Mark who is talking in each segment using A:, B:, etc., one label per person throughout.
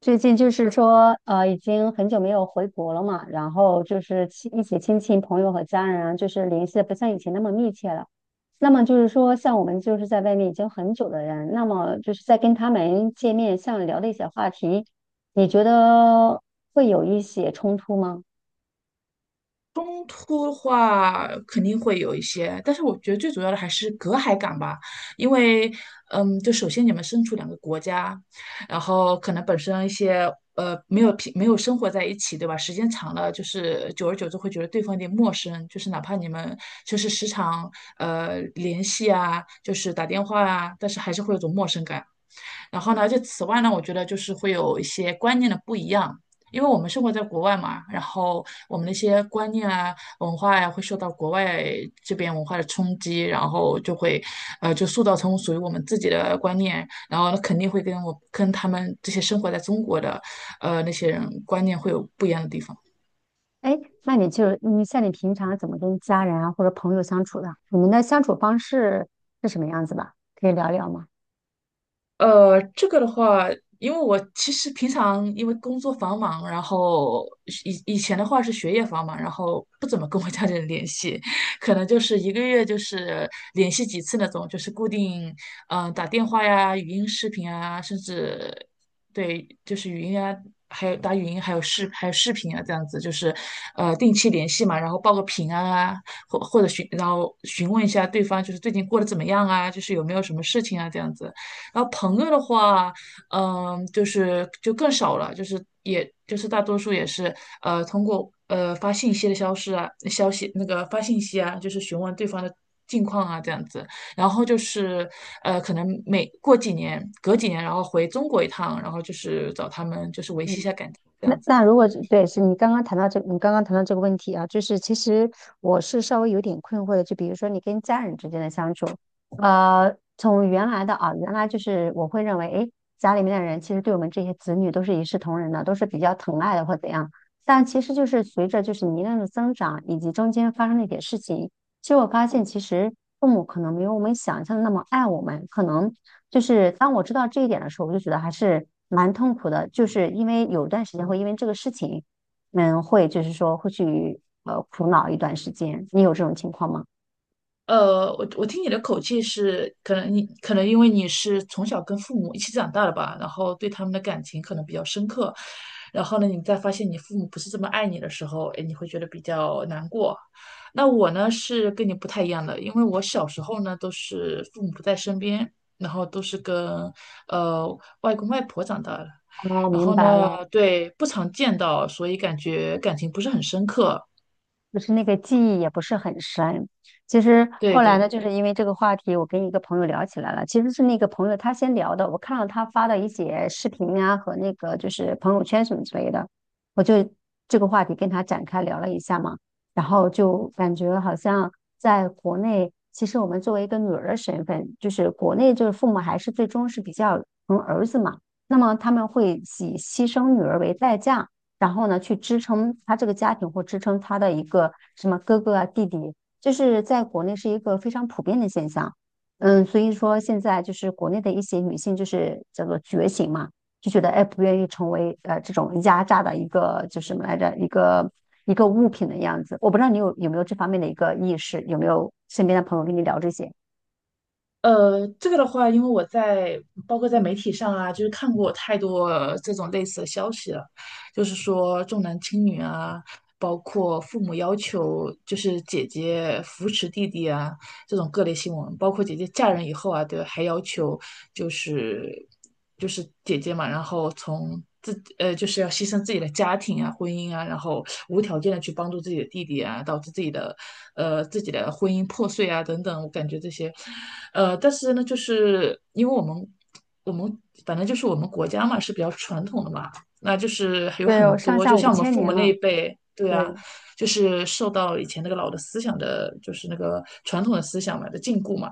A: 最近就是说，已经很久没有回国了嘛，然后就是亲一起亲戚朋友和家人啊，就是联系的不像以前那么密切了。那么就是说，像我们就是在外面已经很久的人，那么就是在跟他们见面，像聊的一些话题，你觉得会有一些冲突吗？
B: 冲突的话肯定会有一些，但是我觉得最主要的还是隔阂感吧。因为，就首先你们身处两个国家，然后可能本身一些没有生活在一起，对吧？时间长了，就是久而久之会觉得对方有点陌生，就是哪怕你们就是时常联系啊，就是打电话啊，但是还是会有种陌生感。然后呢，就此外呢，我觉得就是会有一些观念的不一样，因为我们生活在国外嘛，然后我们那些观念啊、文化呀、会受到国外这边文化的冲击，然后就会，就塑造成属于我们自己的观念，然后肯定会跟我跟他们这些生活在中国的，呃，那些人观念会有不一样的地方。
A: 哎，那你就是你像你平常怎么跟家人啊或者朋友相处的？你们的相处方式是什么样子吧？可以聊聊吗？
B: 这个的话，因为我其实平常因为工作繁忙，然后以前的话是学业繁忙，然后不怎么跟我家里人联系，可能就是一个月就是联系几次那种，就是固定，嗯、打电话呀、语音、视频啊，甚至对，就是语音啊，还有打语音，还有视频啊，这样子就是，定期联系嘛，然后报个平安啊，或或者询然后询问一下对方就是最近过得怎么样啊，就是有没有什么事情啊，这样子。然后朋友的话，就更少了，就是也就是大多数也是通过发信息的消失啊，消息那个发信息啊，就是询问对方的近况啊这样子。然后就是可能每过几年隔几年，然后回中国一趟，然后就是找他们就是维
A: 嗯。
B: 系一下感情这
A: 那
B: 样子。
A: 那如果对，你刚刚谈到这个问题啊，就是其实我是稍微有点困惑的，就比如说你跟家人之间的相处，从原来的啊，原来就是我会认为，诶，家里面的人其实对我们这些子女都是一视同仁的，都是比较疼爱的或怎样，但其实就是随着就是年龄的增长以及中间发生的一些事情。其实我发现，其实父母可能没有我们想象的那么爱我们。可能就是当我知道这一点的时候，我就觉得还是蛮痛苦的。就是因为有一段时间会因为这个事情，会就是说会去苦恼一段时间。你有这种情况吗？
B: 我听你的口气是，可能你可能因为你是从小跟父母一起长大的吧，然后对他们的感情可能比较深刻，然后呢，你再发现你父母不是这么爱你的时候，哎，你会觉得比较难过。那我呢是跟你不太一样的，因为我小时候呢都是父母不在身边，然后都是跟呃外公外婆长大的，
A: 哦，
B: 然
A: 明
B: 后
A: 白
B: 呢，
A: 了。
B: 对，不常见到，所以感觉感情不是很深刻。
A: 就是那个记忆也不是很深。其实后
B: 对
A: 来呢，
B: 对。
A: 就是因为这个话题，我跟一个朋友聊起来了。其实是那个朋友他先聊的，我看到他发的一些视频啊和那个就是朋友圈什么之类的，我就这个话题跟他展开聊了一下嘛。然后就感觉好像在国内，其实我们作为一个女儿的身份，就是国内就是父母还是最终是比较疼儿子嘛，那么他们会以牺牲女儿为代价。然后呢，去支撑他这个家庭或支撑他的一个什么哥哥啊、弟弟，就是在国内是一个非常普遍的现象。嗯，所以说现在就是国内的一些女性就是叫做觉醒嘛，就觉得哎不愿意成为这种压榨的一个就是什么来着一个物品的样子。我不知道你有没有这方面的一个意识，有没有身边的朋友跟你聊这些？
B: 这个的话，因为我在包括在媒体上啊，就是看过太多这种类似的消息了，就是说重男轻女啊，包括父母要求就是姐姐扶持弟弟啊，这种各类新闻，包括姐姐嫁人以后啊，对还要求就是姐姐嘛，然后就是要牺牲自己的家庭啊、婚姻啊，然后无条件的去帮助自己的弟弟啊，导致自己的婚姻破碎啊等等，我感觉这些，呃，但是呢，就是因为我们反正就是我们国家嘛是比较传统的嘛，那就是有
A: 对，有
B: 很
A: 上
B: 多
A: 下
B: 就
A: 五
B: 像我们
A: 千
B: 父
A: 年
B: 母那
A: 嘛，
B: 一辈，对啊，
A: 对
B: 就是受到以前那个老的思想的，就是那个传统的思想嘛的禁锢嘛，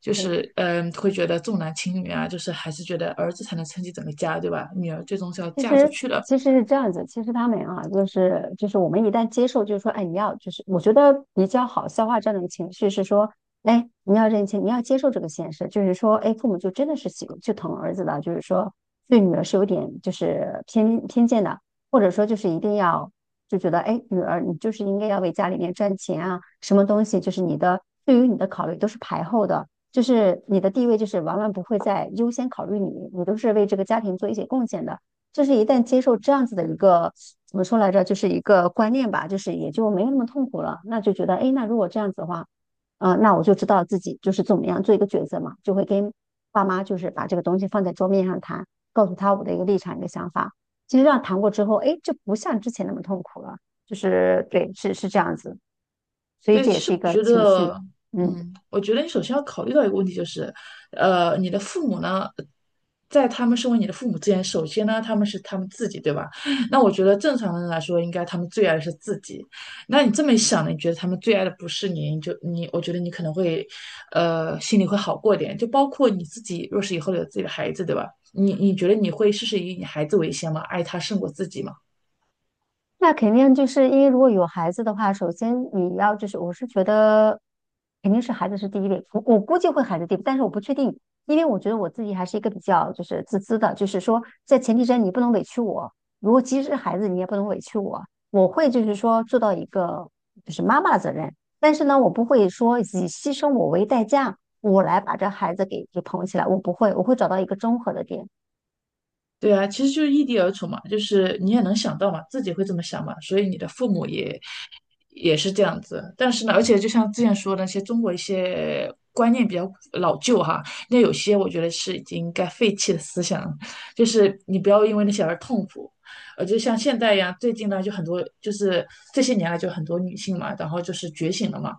B: 就
A: 对。
B: 是嗯，会觉得重男轻女啊，就是还是觉得儿子才能撑起整个家，对吧？女儿最终是要
A: 其
B: 嫁出
A: 实
B: 去的。
A: 其实是这样子，其实他们啊，就是我们一旦接受，就是说，哎，你要就是我觉得比较好消化这样的情绪是说，哎，你要认清，你要接受这个现实，就是说，哎，父母就真的是疼儿子的，就是说对女儿是有点就是偏见的，或者说就是一定要就觉得，哎，女儿你就是应该要为家里面赚钱啊，什么东西就是你的对于你的考虑都是排后的。就是你的地位，就是往往不会再优先考虑你，你都是为这个家庭做一些贡献的。就是一旦接受这样子的一个怎么说来着，就是一个观念吧，就是也就没有那么痛苦了。那就觉得，哎，那如果这样子的话，那我就知道自己就是怎么样做一个抉择嘛，就会跟爸妈就是把这个东西放在桌面上谈，告诉他我的一个立场、一个想法。其实这样谈过之后，哎，就不像之前那么痛苦了。就是对，是这样子，所以
B: 对，
A: 这
B: 其
A: 也
B: 实
A: 是一
B: 我
A: 个
B: 觉
A: 情
B: 得，
A: 绪，嗯。
B: 我觉得你首先要考虑到一个问题，就是，你的父母呢，在他们身为你的父母之前，首先呢，他们是他们自己，对吧？那我觉得正常人来说，应该他们最爱的是自己。那你这么一想呢，你觉得他们最爱的不是你，你就你，我觉得你可能会，心里会好过一点。就包括你自己，若是以后有自己的孩子，对吧？你觉得你会事事以你孩子为先吗？爱他胜过自己吗？
A: 那肯定就是因为如果有孩子的话，首先你要就是，我是觉得肯定是孩子是第一位，我估计会孩子第一位但是我不确定，因为我觉得我自己还是一个比较就是自私的，就是说在前提之下你不能委屈我，如果即使是孩子你也不能委屈我，我会就是说做到一个就是妈妈的责任，但是呢，我不会说以牺牲我为代价，我来把这孩子给捧起来，我不会，我会找到一个综合的点，
B: 对啊，其实就是异地而处嘛，就是你也能想到嘛，自己会这么想嘛，所以你的父母也是这样子。但是呢，而且就像之前说的那些中国一些观念比较老旧哈，那有些我觉得是已经该废弃的思想了，就是你不要因为那些而痛苦。就像现在一样，最近呢就很多，就是这些年来就很多女性嘛，然后就是觉醒了嘛。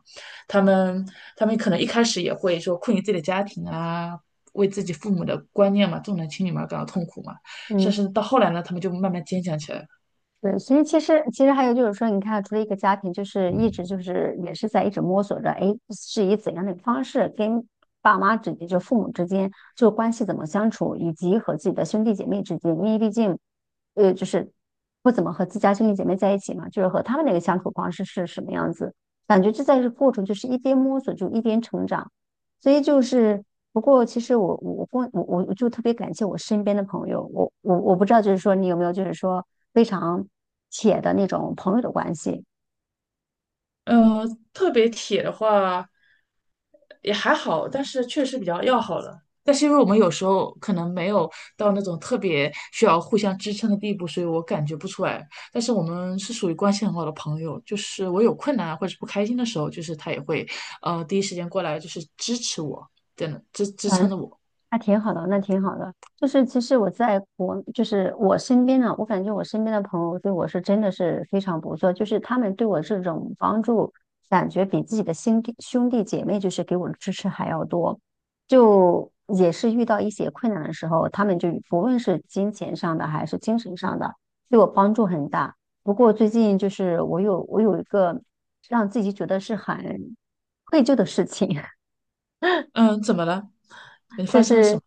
B: 她们她们可能一开始也会说困于自己的家庭啊，为自己父母的观念嘛，重男轻女嘛感到痛苦嘛。但
A: 嗯。
B: 是到后来呢，他们就慢慢坚强起来了。
A: 对，所以其实还有就是说，你看，除了一个家庭，就是一直就是也是在一直摸索着，哎，是以怎样的方式跟爸妈之间，就父母之间，就关系怎么相处，以及和自己的兄弟姐妹之间，因为毕竟，就是不怎么和自家兄弟姐妹在一起嘛，就是和他们那个相处方式是什么样子，感觉这在这过程就是一边摸索就一边成长。所以就是，不过其实我我我跟我我我就特别感谢我身边的朋友，我不知道就是说你有没有就是说非常铁的那种朋友的关系，
B: 呃，特别铁的话也还好，但是确实比较要好了。但是因为我们有时候可能没有到那种特别需要互相支撑的地步，所以我感觉不出来。但是我们是属于关系很好的朋友，就是我有困难或者是不开心的时候，就是他也会，第一时间过来就是支持我，真的支撑
A: 嗯。
B: 着我。
A: 那挺好的，那挺好的。就是其实我在国，就是我身边呢，我感觉我身边的朋友对我是真的是非常不错，就是他们对我这种帮助，感觉比自己的兄弟姐妹就是给我的支持还要多。就也是遇到一些困难的时候，他们就不论是金钱上的还是精神上的，对我帮助很大。不过最近就是我有一个让自己觉得是很愧疚的事情，
B: 嗯，怎么了？你发
A: 这
B: 生了什
A: 是
B: 么？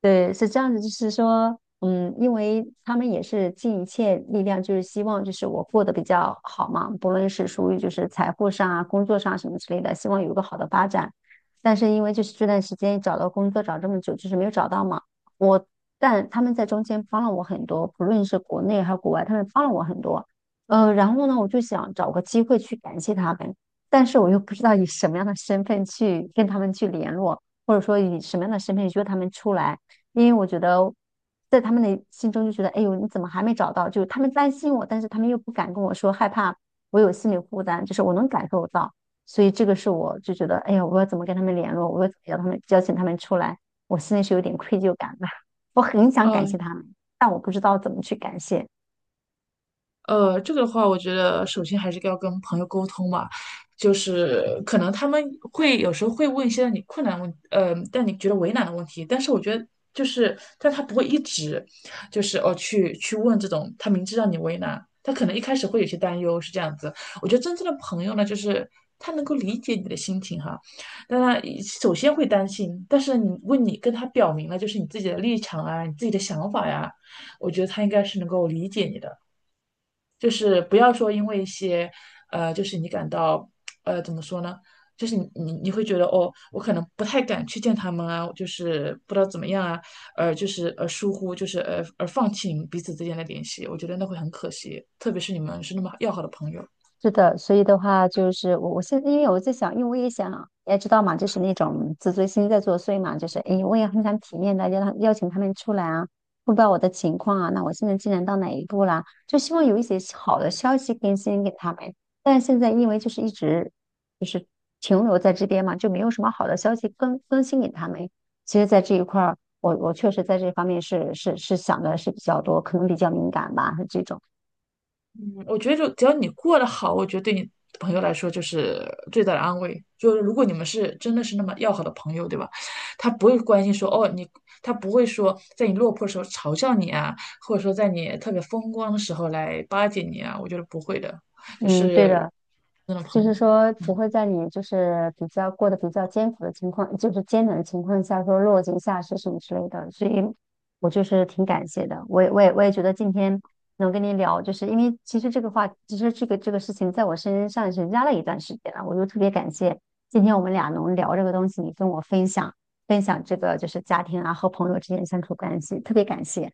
A: 对，是这样子，就是说，因为他们也是尽一切力量，就是希望就是我过得比较好嘛，不论是属于就是财富上啊、工作上什么之类的，希望有一个好的发展。但是因为就是这段时间找到工作找这么久，就是没有找到嘛，我但他们在中间帮了我很多，不论是国内还是国外，他们帮了我很多。然后呢，我就想找个机会去感谢他们，但是我又不知道以什么样的身份去跟他们去联络。或者说以什么样的身份约他们出来，因为我觉得在他们的心中就觉得，哎呦，你怎么还没找到？就是他们担心我，但是他们又不敢跟我说，害怕我有心理负担，就是我能感受到，所以这个是我就觉得，哎呀，我要怎么跟他们联络？我要怎么邀请他们出来？我心里是有点愧疚感的，我很想感谢
B: 嗯。
A: 他们，但我不知道怎么去感谢。
B: 这个的话，我觉得首先还是要跟朋友沟通嘛，就是可能他们会有时候会问一些让你觉得为难的问题，但是我觉得就是，但他不会一直就是哦去问这种，他明知让你为难，他可能一开始会有些担忧，是这样子。我觉得真正的朋友呢，就是他能够理解你的心情哈，但他首先会担心，但是你跟他表明了就是你自己的立场啊，你自己的想法呀，我觉得他应该是能够理解你的。就是不要说因为一些，就是你感到，怎么说呢？就是你会觉得哦，我可能不太敢去见他们啊，就是不知道怎么样啊，就是疏忽，就是而放弃你们彼此之间的联系，我觉得那会很可惜，特别是你们是那么要好的朋友。
A: 是的，所以的话就是我现在因为我在想，因为我也想，你也知道嘛，就是那种自尊心在作祟嘛，就是哎，诶我也很想体面的邀请他们出来啊，汇报我的情况啊，那我现在进展到哪一步啦？就希望有一些好的消息更新给他们，但是现在因为就是一直就是停留在这边嘛，就没有什么好的消息更新给他们。其实，在这一块儿，我确实在这方面是想的是比较多，可能比较敏感吧，是这种。
B: 嗯，我觉得就只要你过得好，我觉得对你朋友来说就是最大的安慰。就是如果你们是真的是那么要好的朋友，对吧？他不会关心说哦你，他不会说在你落魄的时候嘲笑你啊，或者说在你特别风光的时候来巴结你啊，我觉得不会的，就
A: 嗯，对的。
B: 是那种
A: 就
B: 朋
A: 是
B: 友。
A: 说不会在你就是比较过得比较艰苦的情况，就是艰难的情况下说落井下石什么之类的，所以我就是挺感谢的。我也觉得今天能跟你聊，就是因为其实这个话，其实这个事情在我身上是压了一段时间了，我就特别感谢今天我们俩能聊这个东西，你跟我分享分享这个就是家庭啊和朋友之间相处关系，特别感谢。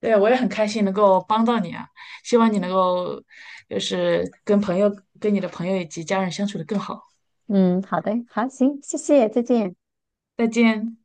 B: 对，我也很开心能够帮到你啊，希望你能够就是跟你的朋友以及家人相处的更好。
A: 嗯，好的，好，行，谢谢，再见。
B: 再见。